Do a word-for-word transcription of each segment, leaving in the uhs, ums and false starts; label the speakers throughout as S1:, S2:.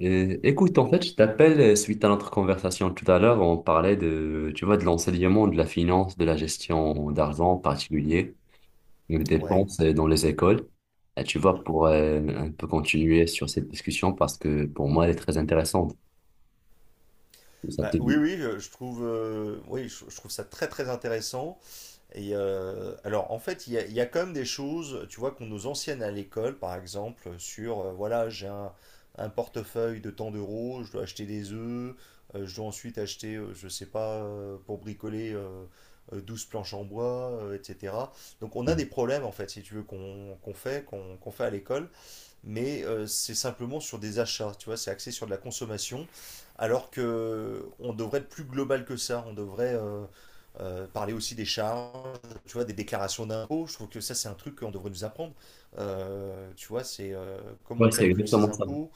S1: Euh, écoute, en fait, je t'appelle euh, suite à notre conversation tout à l'heure. On parlait de, tu vois, de l'enseignement, de la finance, de la gestion d'argent en particulier, des
S2: Ouais.
S1: dépenses euh, dans les écoles. Et tu vois,
S2: Mhm.
S1: pour euh, un peu continuer sur cette discussion parce que pour moi, elle est très intéressante. Ça te
S2: Bah, oui,
S1: dit?
S2: oui, je, je trouve, euh, oui, je, je trouve ça très très intéressant. Et euh, alors, en fait, il y a, il y a quand même des choses, tu vois, qu'on nous enseigne à l'école, par exemple, sur, euh, voilà, j'ai un, un portefeuille de tant d'euros, je dois acheter des œufs, euh, je dois ensuite acheter, euh, je sais pas, euh, pour bricoler euh, euh, douze planches en bois, euh, et cetera. Donc, on a
S1: Mhm.
S2: des problèmes, en fait, si tu veux, qu'on qu'on fait, qu'on qu'on fait à l'école. Mais euh, c'est simplement sur des achats, tu vois, c'est axé sur de la consommation, alors que on devrait être plus global que ça, on devrait euh, euh, parler aussi des charges, tu vois, des déclarations d'impôts, je trouve que ça c'est un truc qu'on devrait nous apprendre. Euh, tu vois, c'est euh, comment
S1: Ouais,
S2: on
S1: c'est
S2: calcule ses
S1: exactement ça.
S2: impôts,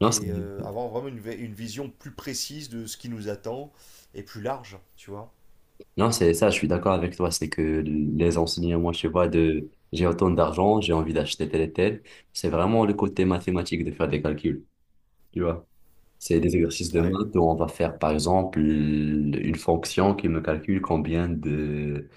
S1: Non, c'est
S2: et euh, avoir vraiment une, vi- une vision plus précise de ce qui nous attend, et plus large, tu vois.
S1: non, c'est ça, je suis d'accord avec toi. C'est que les enseignements, tu vois, de j'ai autant d'argent, j'ai envie d'acheter tel et tel, c'est vraiment le côté mathématique de faire des calculs. Tu vois. C'est des exercices de
S2: Ouais,
S1: maths où on va faire, par exemple, une fonction qui me calcule combien de,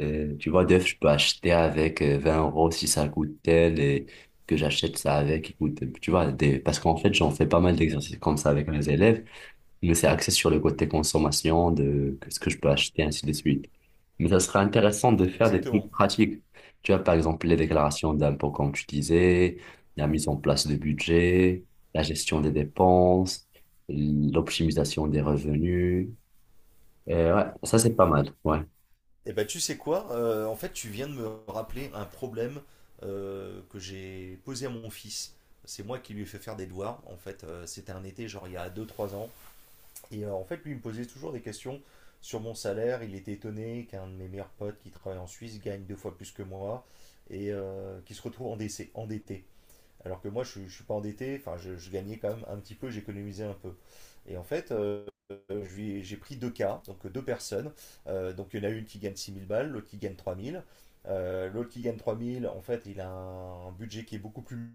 S1: euh, tu vois, d'œufs je peux acheter avec euh, vingt euros si ça coûte tel et que j'achète ça avec, écoute, tu vois, des, parce qu'en fait, j'en fais pas mal d'exercices comme ça avec mes élèves. Mais c'est axé sur le côté consommation de que- ce que je peux acheter, ainsi de suite. Mais ça serait intéressant de faire des trucs
S2: exactement.
S1: pratiques. Tu vois, par exemple, les déclarations d'impôts, comme tu disais, la mise en place de budget, la gestion des dépenses, l'optimisation des revenus. Euh, ouais, ça, c'est pas mal. Ouais,
S2: Eh ben, tu sais quoi? Euh, en fait, tu viens de me rappeler un problème euh, que j'ai posé à mon fils. C'est moi qui lui ai fait faire des devoirs. En fait, euh, c'était un été, genre il y a deux trois ans. Et euh, en fait, lui, il me posait toujours des questions sur mon salaire. Il était étonné qu'un de mes meilleurs potes qui travaille en Suisse gagne deux fois plus que moi et euh, qui se retrouve endessé- endetté. Alors que moi, je, je suis pas endetté, enfin, je, je gagnais quand même un petit peu, j'économisais un peu. Et en fait, euh, j'ai pris deux cas, donc deux personnes. Euh, donc il y en a une qui gagne six mille balles, l'autre qui gagne trois mille. Euh, l'autre qui gagne trois mille, en fait, il a un budget qui est beaucoup plus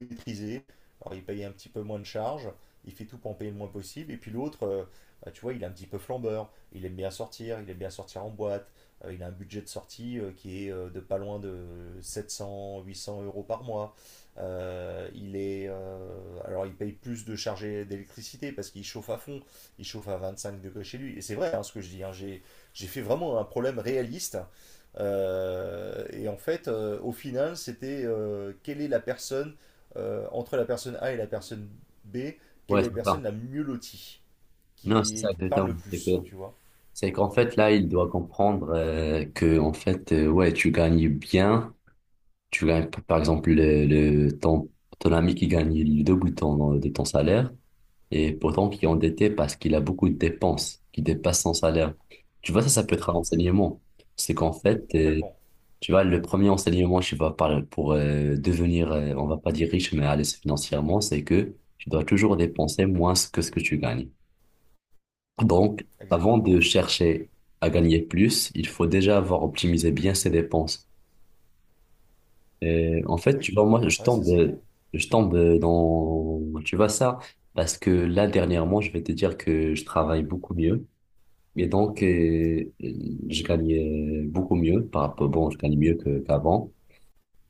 S2: maîtrisé. Alors il paye un petit peu moins de charges, il fait tout pour en payer le moins possible. Et puis l'autre, euh, bah, tu vois, il est un petit peu flambeur, il aime bien sortir, il aime bien sortir en boîte. Euh, il a un budget de sortie euh, qui est euh, de pas loin de sept cents, huit cents euros par mois. Euh, il est, euh, alors il paye plus de chargé d'électricité parce qu'il chauffe à fond, il chauffe à vingt-cinq degrés chez lui. Et c'est vrai hein, ce que je dis, hein, j'ai, j'ai fait vraiment un problème réaliste. Euh, et en fait, euh, au final, c'était euh, quelle est la personne, euh, entre la personne A et la personne B, quelle
S1: ouais,
S2: est
S1: c'est
S2: la personne
S1: ça.
S2: la mieux lotie,
S1: Non, c'est ça,
S2: qui, qui parle
S1: exactement.
S2: le
S1: C'est que-
S2: plus, tu vois.
S1: c'est qu'en fait, là, il doit comprendre euh, que, en fait, euh, ouais, tu gagnes bien. Tu gagnes, p- par exemple, le, le- ton, ton ami qui gagne le double de ton, de ton salaire et pourtant qui est endetté parce qu'il a beaucoup de dépenses qui dépassent son salaire. Tu vois, ça, ça peut être un
S2: Mhm.
S1: enseignement. C'est qu'en fait, euh,
S2: Complètement,
S1: tu vois, le premier enseignement, je sais pas, par- pour euh, devenir, euh, on va pas dire riche, mais à l'aise financièrement, c'est que tu dois toujours dépenser moins que ce que tu gagnes. Donc, avant de
S2: exactement.
S1: chercher à gagner plus, il faut déjà avoir optimisé bien ses dépenses. Et en fait,
S2: Oui,
S1: tu vois, moi, je
S2: ouais, ça c'est
S1: tombe,
S2: clair.
S1: je tombe dans, tu vois ça, parce que là, dernièrement, je vais te dire que je travaille beaucoup mieux. Et donc, euh, je gagnais beaucoup mieux par rapport, bon, je gagne mieux
S2: Mhm.
S1: que- qu'avant.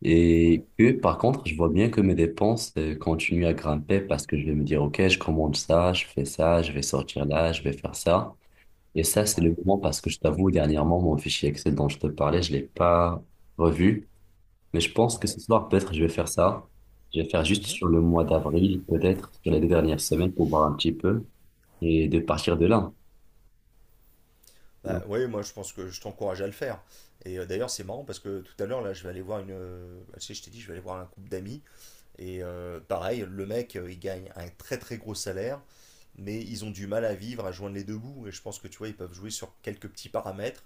S1: Et
S2: Ouais,
S1: que, par contre, je vois bien que mes dépenses, euh, continuent à grimper parce que je vais me dire, OK, je commande ça, je fais ça, je vais sortir là, je vais faire ça. Et ça, c'est le
S2: ouais,
S1: moment parce que je t'avoue, dernièrement, mon fichier Excel dont je te parlais, je l'ai pas revu. Mais je pense que
S2: ouais.
S1: ce soir, peut-être, je vais faire ça. Je vais faire juste
S2: Mhm.
S1: sur le mois d'avril, peut-être, sur les deux dernières semaines pour voir un petit peu et de partir de là. Tu vois.
S2: Bah, ouais, moi je pense que je t'encourage à le faire. Et euh, d'ailleurs, c'est marrant parce que tout à l'heure, là, je vais aller voir une. Euh, tu sais, je t'ai dit, je vais aller voir un couple d'amis. Et euh, pareil, le mec, euh, il gagne un très très gros salaire, mais ils ont du mal à vivre, à joindre les deux bouts. Et je pense que tu vois, ils peuvent jouer sur quelques petits paramètres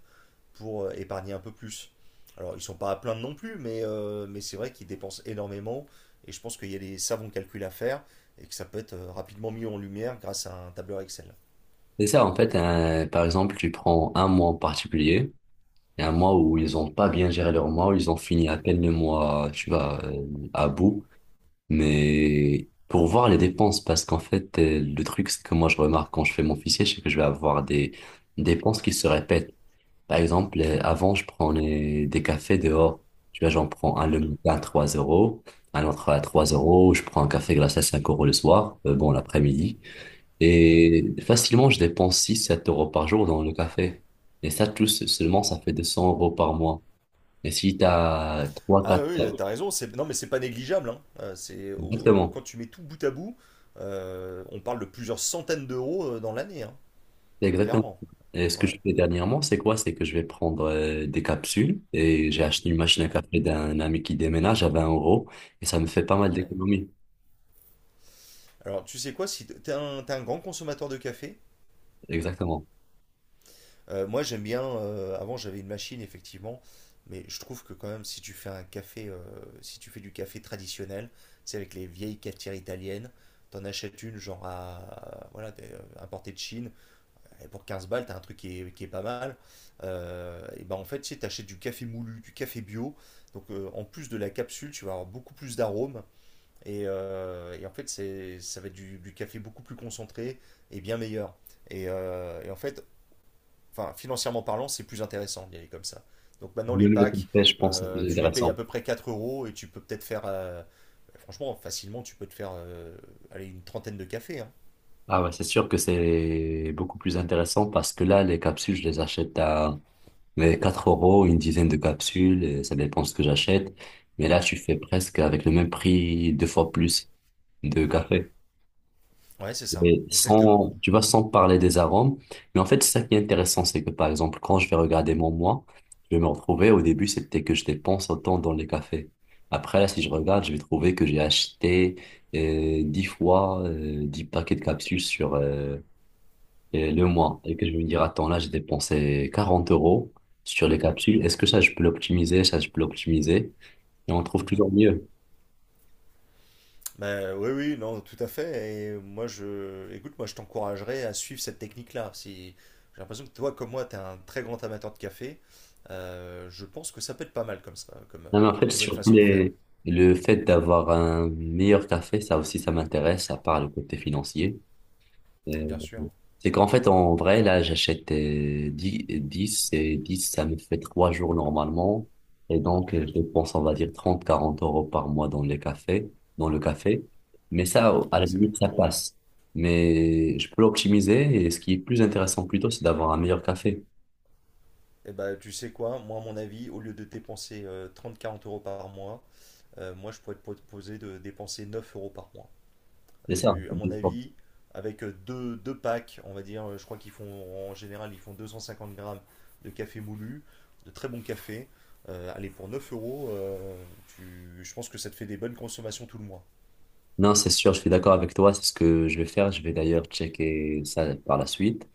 S2: pour euh, épargner un peu plus. Alors, ils sont pas à plaindre non plus, mais, euh, mais c'est vrai qu'ils dépensent énormément. Et je pense qu'il y a des savants calculs à faire et que ça peut être euh, rapidement mis en lumière grâce à un tableur Excel.
S1: C'est ça, en fait, un- par exemple, tu prends un mois en particulier, et un mois où ils ont pas bien géré leur mois, où ils ont fini à peine le mois, tu vois, euh, à bout, mais pour voir les dépenses, parce qu'en fait, euh, le truc, c'est que moi, je remarque quand je fais mon fichier, c'est que je vais avoir des dépenses qui se répètent. Par exemple, euh, avant, je prenais des cafés dehors. Tu vois, j'en prends un le
S2: Mhm,
S1: matin à trois euros, un autre à trois
S2: mhm,
S1: euros, je prends un café glacé à cinq euros le soir, euh, bon, l'après-midi.
S2: mhm.
S1: Et facilement, je dépense six sept euros par jour dans le café. Et ça, tout se- seulement, ça fait deux cents euros par mois. Et si tu as trois
S2: Ah
S1: quatre
S2: oui, oui,
S1: 4
S2: t'as raison, c'est... non mais c'est pas négligeable, hein. Euh, c'est au-
S1: Exactement.
S2: Quand tu mets tout bout à bout, euh, on parle de plusieurs centaines d'euros euh, dans l'année, hein,
S1: C'est exactement
S2: clairement.
S1: ça. Et ce que je
S2: Ouais,
S1: fais dernièrement, c'est quoi? C'est que je vais prendre euh, des capsules et j'ai acheté une machine à
S2: ouais,
S1: café d'un ami qui déménage à vingt euros et ça me fait pas mal
S2: ouais.
S1: d'économies.
S2: Alors tu sais quoi, si t- t'es un, t'es un grand consommateur de café,
S1: Exactement.
S2: euh, moi j'aime bien, euh, avant j'avais une machine effectivement, mais je trouve que quand même si tu fais un café, euh, si tu fais du café traditionnel, c'est avec les vieilles cafetières italiennes, t'en achètes une genre à, voilà, t'es, euh, importée de Chine. Et pour quinze balles, t'as un truc qui est, qui est pas mal. Euh, et ben en fait, tu sais, t'achètes du café moulu, du café bio. Donc euh, en plus de la capsule, tu vas avoir beaucoup plus d'arômes. Et, euh, et en fait, c'est, ça va être du, du café beaucoup plus concentré et bien meilleur. Et, euh, et en fait, enfin, financièrement parlant, c'est plus intéressant d'y aller comme ça. Donc maintenant, les
S1: Même le
S2: packs,
S1: tempeh, je pense que c'est
S2: euh,
S1: plus
S2: tu les payes à
S1: intéressant.
S2: peu près quatre euros et tu peux peut-être faire, euh, franchement, facilement, tu peux te faire euh, allez, une trentaine de cafés, hein.
S1: Ah ouais, c'est sûr que c'est beaucoup plus intéressant parce que là, les capsules, je les achète à mais quatre euros, une dizaine de capsules, et ça dépend ce que j'achète. Mais là, tu fais presque avec le même prix, deux fois plus de café.
S2: Ouais, c'est ça,
S1: Mais
S2: exactement.
S1: sans, tu vois, sans parler des arômes. Mais en fait, c'est ça qui est intéressant, c'est que par exemple, quand je vais regarder mon moi, je vais me retrouver, au début, c'était que je dépense autant dans les cafés. Après, là, si je regarde, je vais trouver que j'ai acheté euh, dix fois euh, dix paquets de capsules sur euh, euh, le mois. Et que je vais me dire, attends, là, j'ai dépensé quarante euros sur les capsules. Est-ce que ça, je peux l'optimiser? Ça, je peux l'optimiser. Et on trouve
S2: Mhm.
S1: toujours mieux.
S2: Bah, oui, oui, non, tout à fait. Et moi, je, écoute, moi, je t'encouragerais à suivre cette technique-là. Si j'ai l'impression que toi, comme moi, t'es un très grand amateur de café, euh, je pense que ça peut être pas mal comme ça, comme euh,
S1: Non, mais en fait,
S2: nouvelle
S1: surtout
S2: façon de faire.
S1: les- le fait d'avoir un meilleur café, ça aussi, ça m'intéresse, à part le côté financier.
S2: Et
S1: Euh,
S2: bien sûr.
S1: c'est qu'en fait, en vrai, là, j'achète euh, dix 10 et dix ça me fait trois jours normalement. Et donc, euh,
S2: Mhm.
S1: je dépense, on va dire, trente quarante euros par mois dans les cafés, dans le café. Mais ça, à
S2: Ouais,
S1: la
S2: c'est
S1: limite,
S2: beaucoup
S1: ça
S2: trop.
S1: passe. Mais je peux l'optimiser et ce qui est plus intéressant plutôt, c'est d'avoir un meilleur café.
S2: Et bah, tu sais quoi, moi, à mon avis, au lieu de dépenser trente-quarante euros par mois, euh, moi, je pourrais te proposer de dépenser neuf euros par mois.
S1: C'est ça.
S2: Tu, à mon avis, avec euh, deux, deux packs, on va dire, euh, je crois qu'ils font en général, ils font deux cent cinquante grammes de café moulu, de très bon café. Euh, allez, pour neuf euros, euh, tu- je pense que ça te fait des bonnes consommations tout le mois.
S1: Non, c'est sûr, je suis d'accord avec toi, c'est ce que je vais faire. Je vais d'ailleurs checker ça par la suite.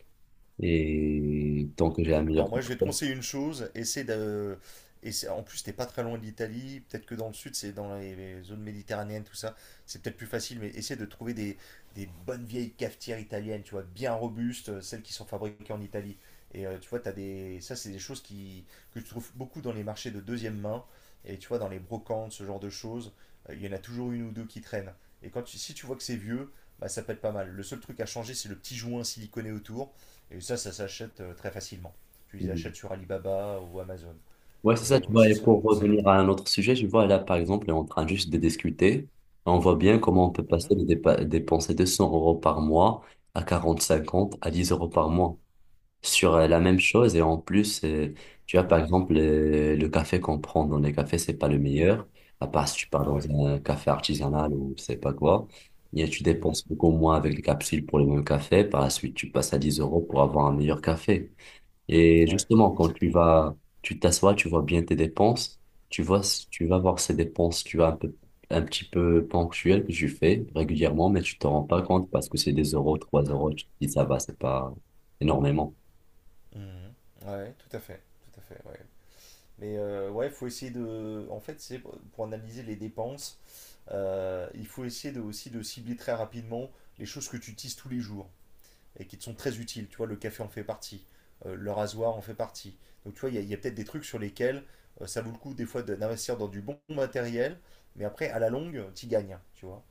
S1: Et tant que j'ai un meilleur
S2: Alors moi, je vais te
S1: critère.
S2: conseiller une chose, essaie de. Et c'est- en plus, t'es pas très loin de l'Italie. Peut-être que dans le sud, c'est dans les les zones méditerranéennes, tout ça. C'est peut-être plus facile, mais essaie de trouver des, des bonnes vieilles cafetières italiennes, tu vois, bien robustes, euh, celles qui sont fabriquées en Italie. Et euh, tu vois, t'as des... ça, c'est des choses qui... que je trouve beaucoup dans les marchés de deuxième main. Et tu vois, dans les brocantes, ce genre de choses, euh, il y en a toujours une ou deux qui traînent. Et quand tu- si tu vois que c'est vieux, bah, ça peut être pas mal. Le seul truc à changer, c'est le petit joint siliconé autour. Et ça, ça s'achète euh, très facilement. Tu les
S1: Mm.
S2: achètes sur Alibaba ou Amazon.
S1: Ouais, c'est ça,
S2: Mais
S1: tu
S2: ouais,
S1: vois.
S2: ce
S1: Et
S2: serait mon
S1: pour
S2: conseil.
S1: revenir à un autre sujet, je vois là, par exemple, on est en train juste de discuter. On voit bien comment on peut passer
S2: Mhm.
S1: de dépa- dépenser deux cents euros par mois à quarante cinquante à dix euros par mois. Sur euh, la même chose et en plus, euh, tu vois par
S2: Oui,
S1: exemple, euh, le café qu'on prend dans les cafés, c'est pas le meilleur à part si tu pars dans
S2: ouais.
S1: un café artisanal ou je sais pas quoi, et tu
S2: Mhm.
S1: dépenses beaucoup moins avec les capsules pour le même café. Par la suite, tu passes à dix euros pour avoir un meilleur café, et
S2: Ouais,
S1: justement quand tu
S2: exactement.
S1: vas, tu t'assois, tu vois bien tes dépenses. Tu vois, tu vas voir ces dépenses, tu vois un peu, un petit peu ponctuelles que tu fais régulièrement, mais tu t'en rends pas compte parce que c'est des euros trois euros. Tu te dis ça va, c'est pas énormément.
S2: Mhm. Ouais, tout à fait, tout à fait, ouais. Mais euh, ouais, faut essayer de. En fait, c'est pour analyser les dépenses, euh, il faut essayer de, aussi de cibler très rapidement les choses que tu utilises tous les jours et qui te sont très utiles. Tu vois, le café en fait partie, euh, le rasoir en fait partie. Donc, tu vois, il y a, il y a peut-être des trucs sur lesquels euh, ça vaut le coup des fois de- d'investir dans du bon matériel, mais après, à la longue, tu gagnes, tu vois.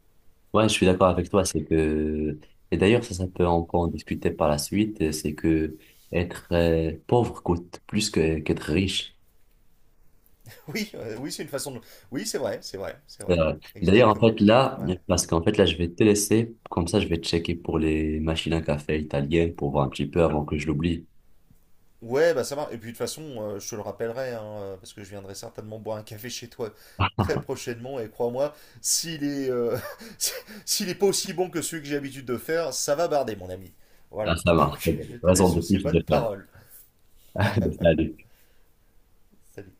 S1: Ouais, je suis d'accord avec toi, c'est que, et d'ailleurs, ça, ça peut encore en discuter par la suite, euh, c'est que être euh, pauvre coûte plus que, qu'être riche.
S2: Oui, euh, oui, c'est une façon de. Oui, c'est vrai, c'est vrai, c'est vrai.
S1: Euh, D'ailleurs, en
S2: Exactement.
S1: fait, là,
S2: Ouais.
S1: parce qu'en fait, là, je vais te laisser, comme ça, je vais checker pour les machines à café italiennes pour voir un petit peu avant que je l'oublie.
S2: Ouais, bah ça marche. Et puis de toute façon, euh, je te le rappellerai, hein, euh, parce que je viendrai certainement boire un café chez toi très prochainement. Et crois-moi, s'il est, euh, si- s'il est pas aussi bon que celui que j'ai l'habitude de faire, ça va barder, mon ami.
S1: Ah,
S2: Voilà.
S1: ça marche, c'est
S2: Donc je
S1: bon.
S2: te
S1: Raison
S2: laisse
S1: de
S2: sur ces
S1: plus de
S2: bonnes
S1: le faire.
S2: paroles.
S1: Salut.
S2: Salut.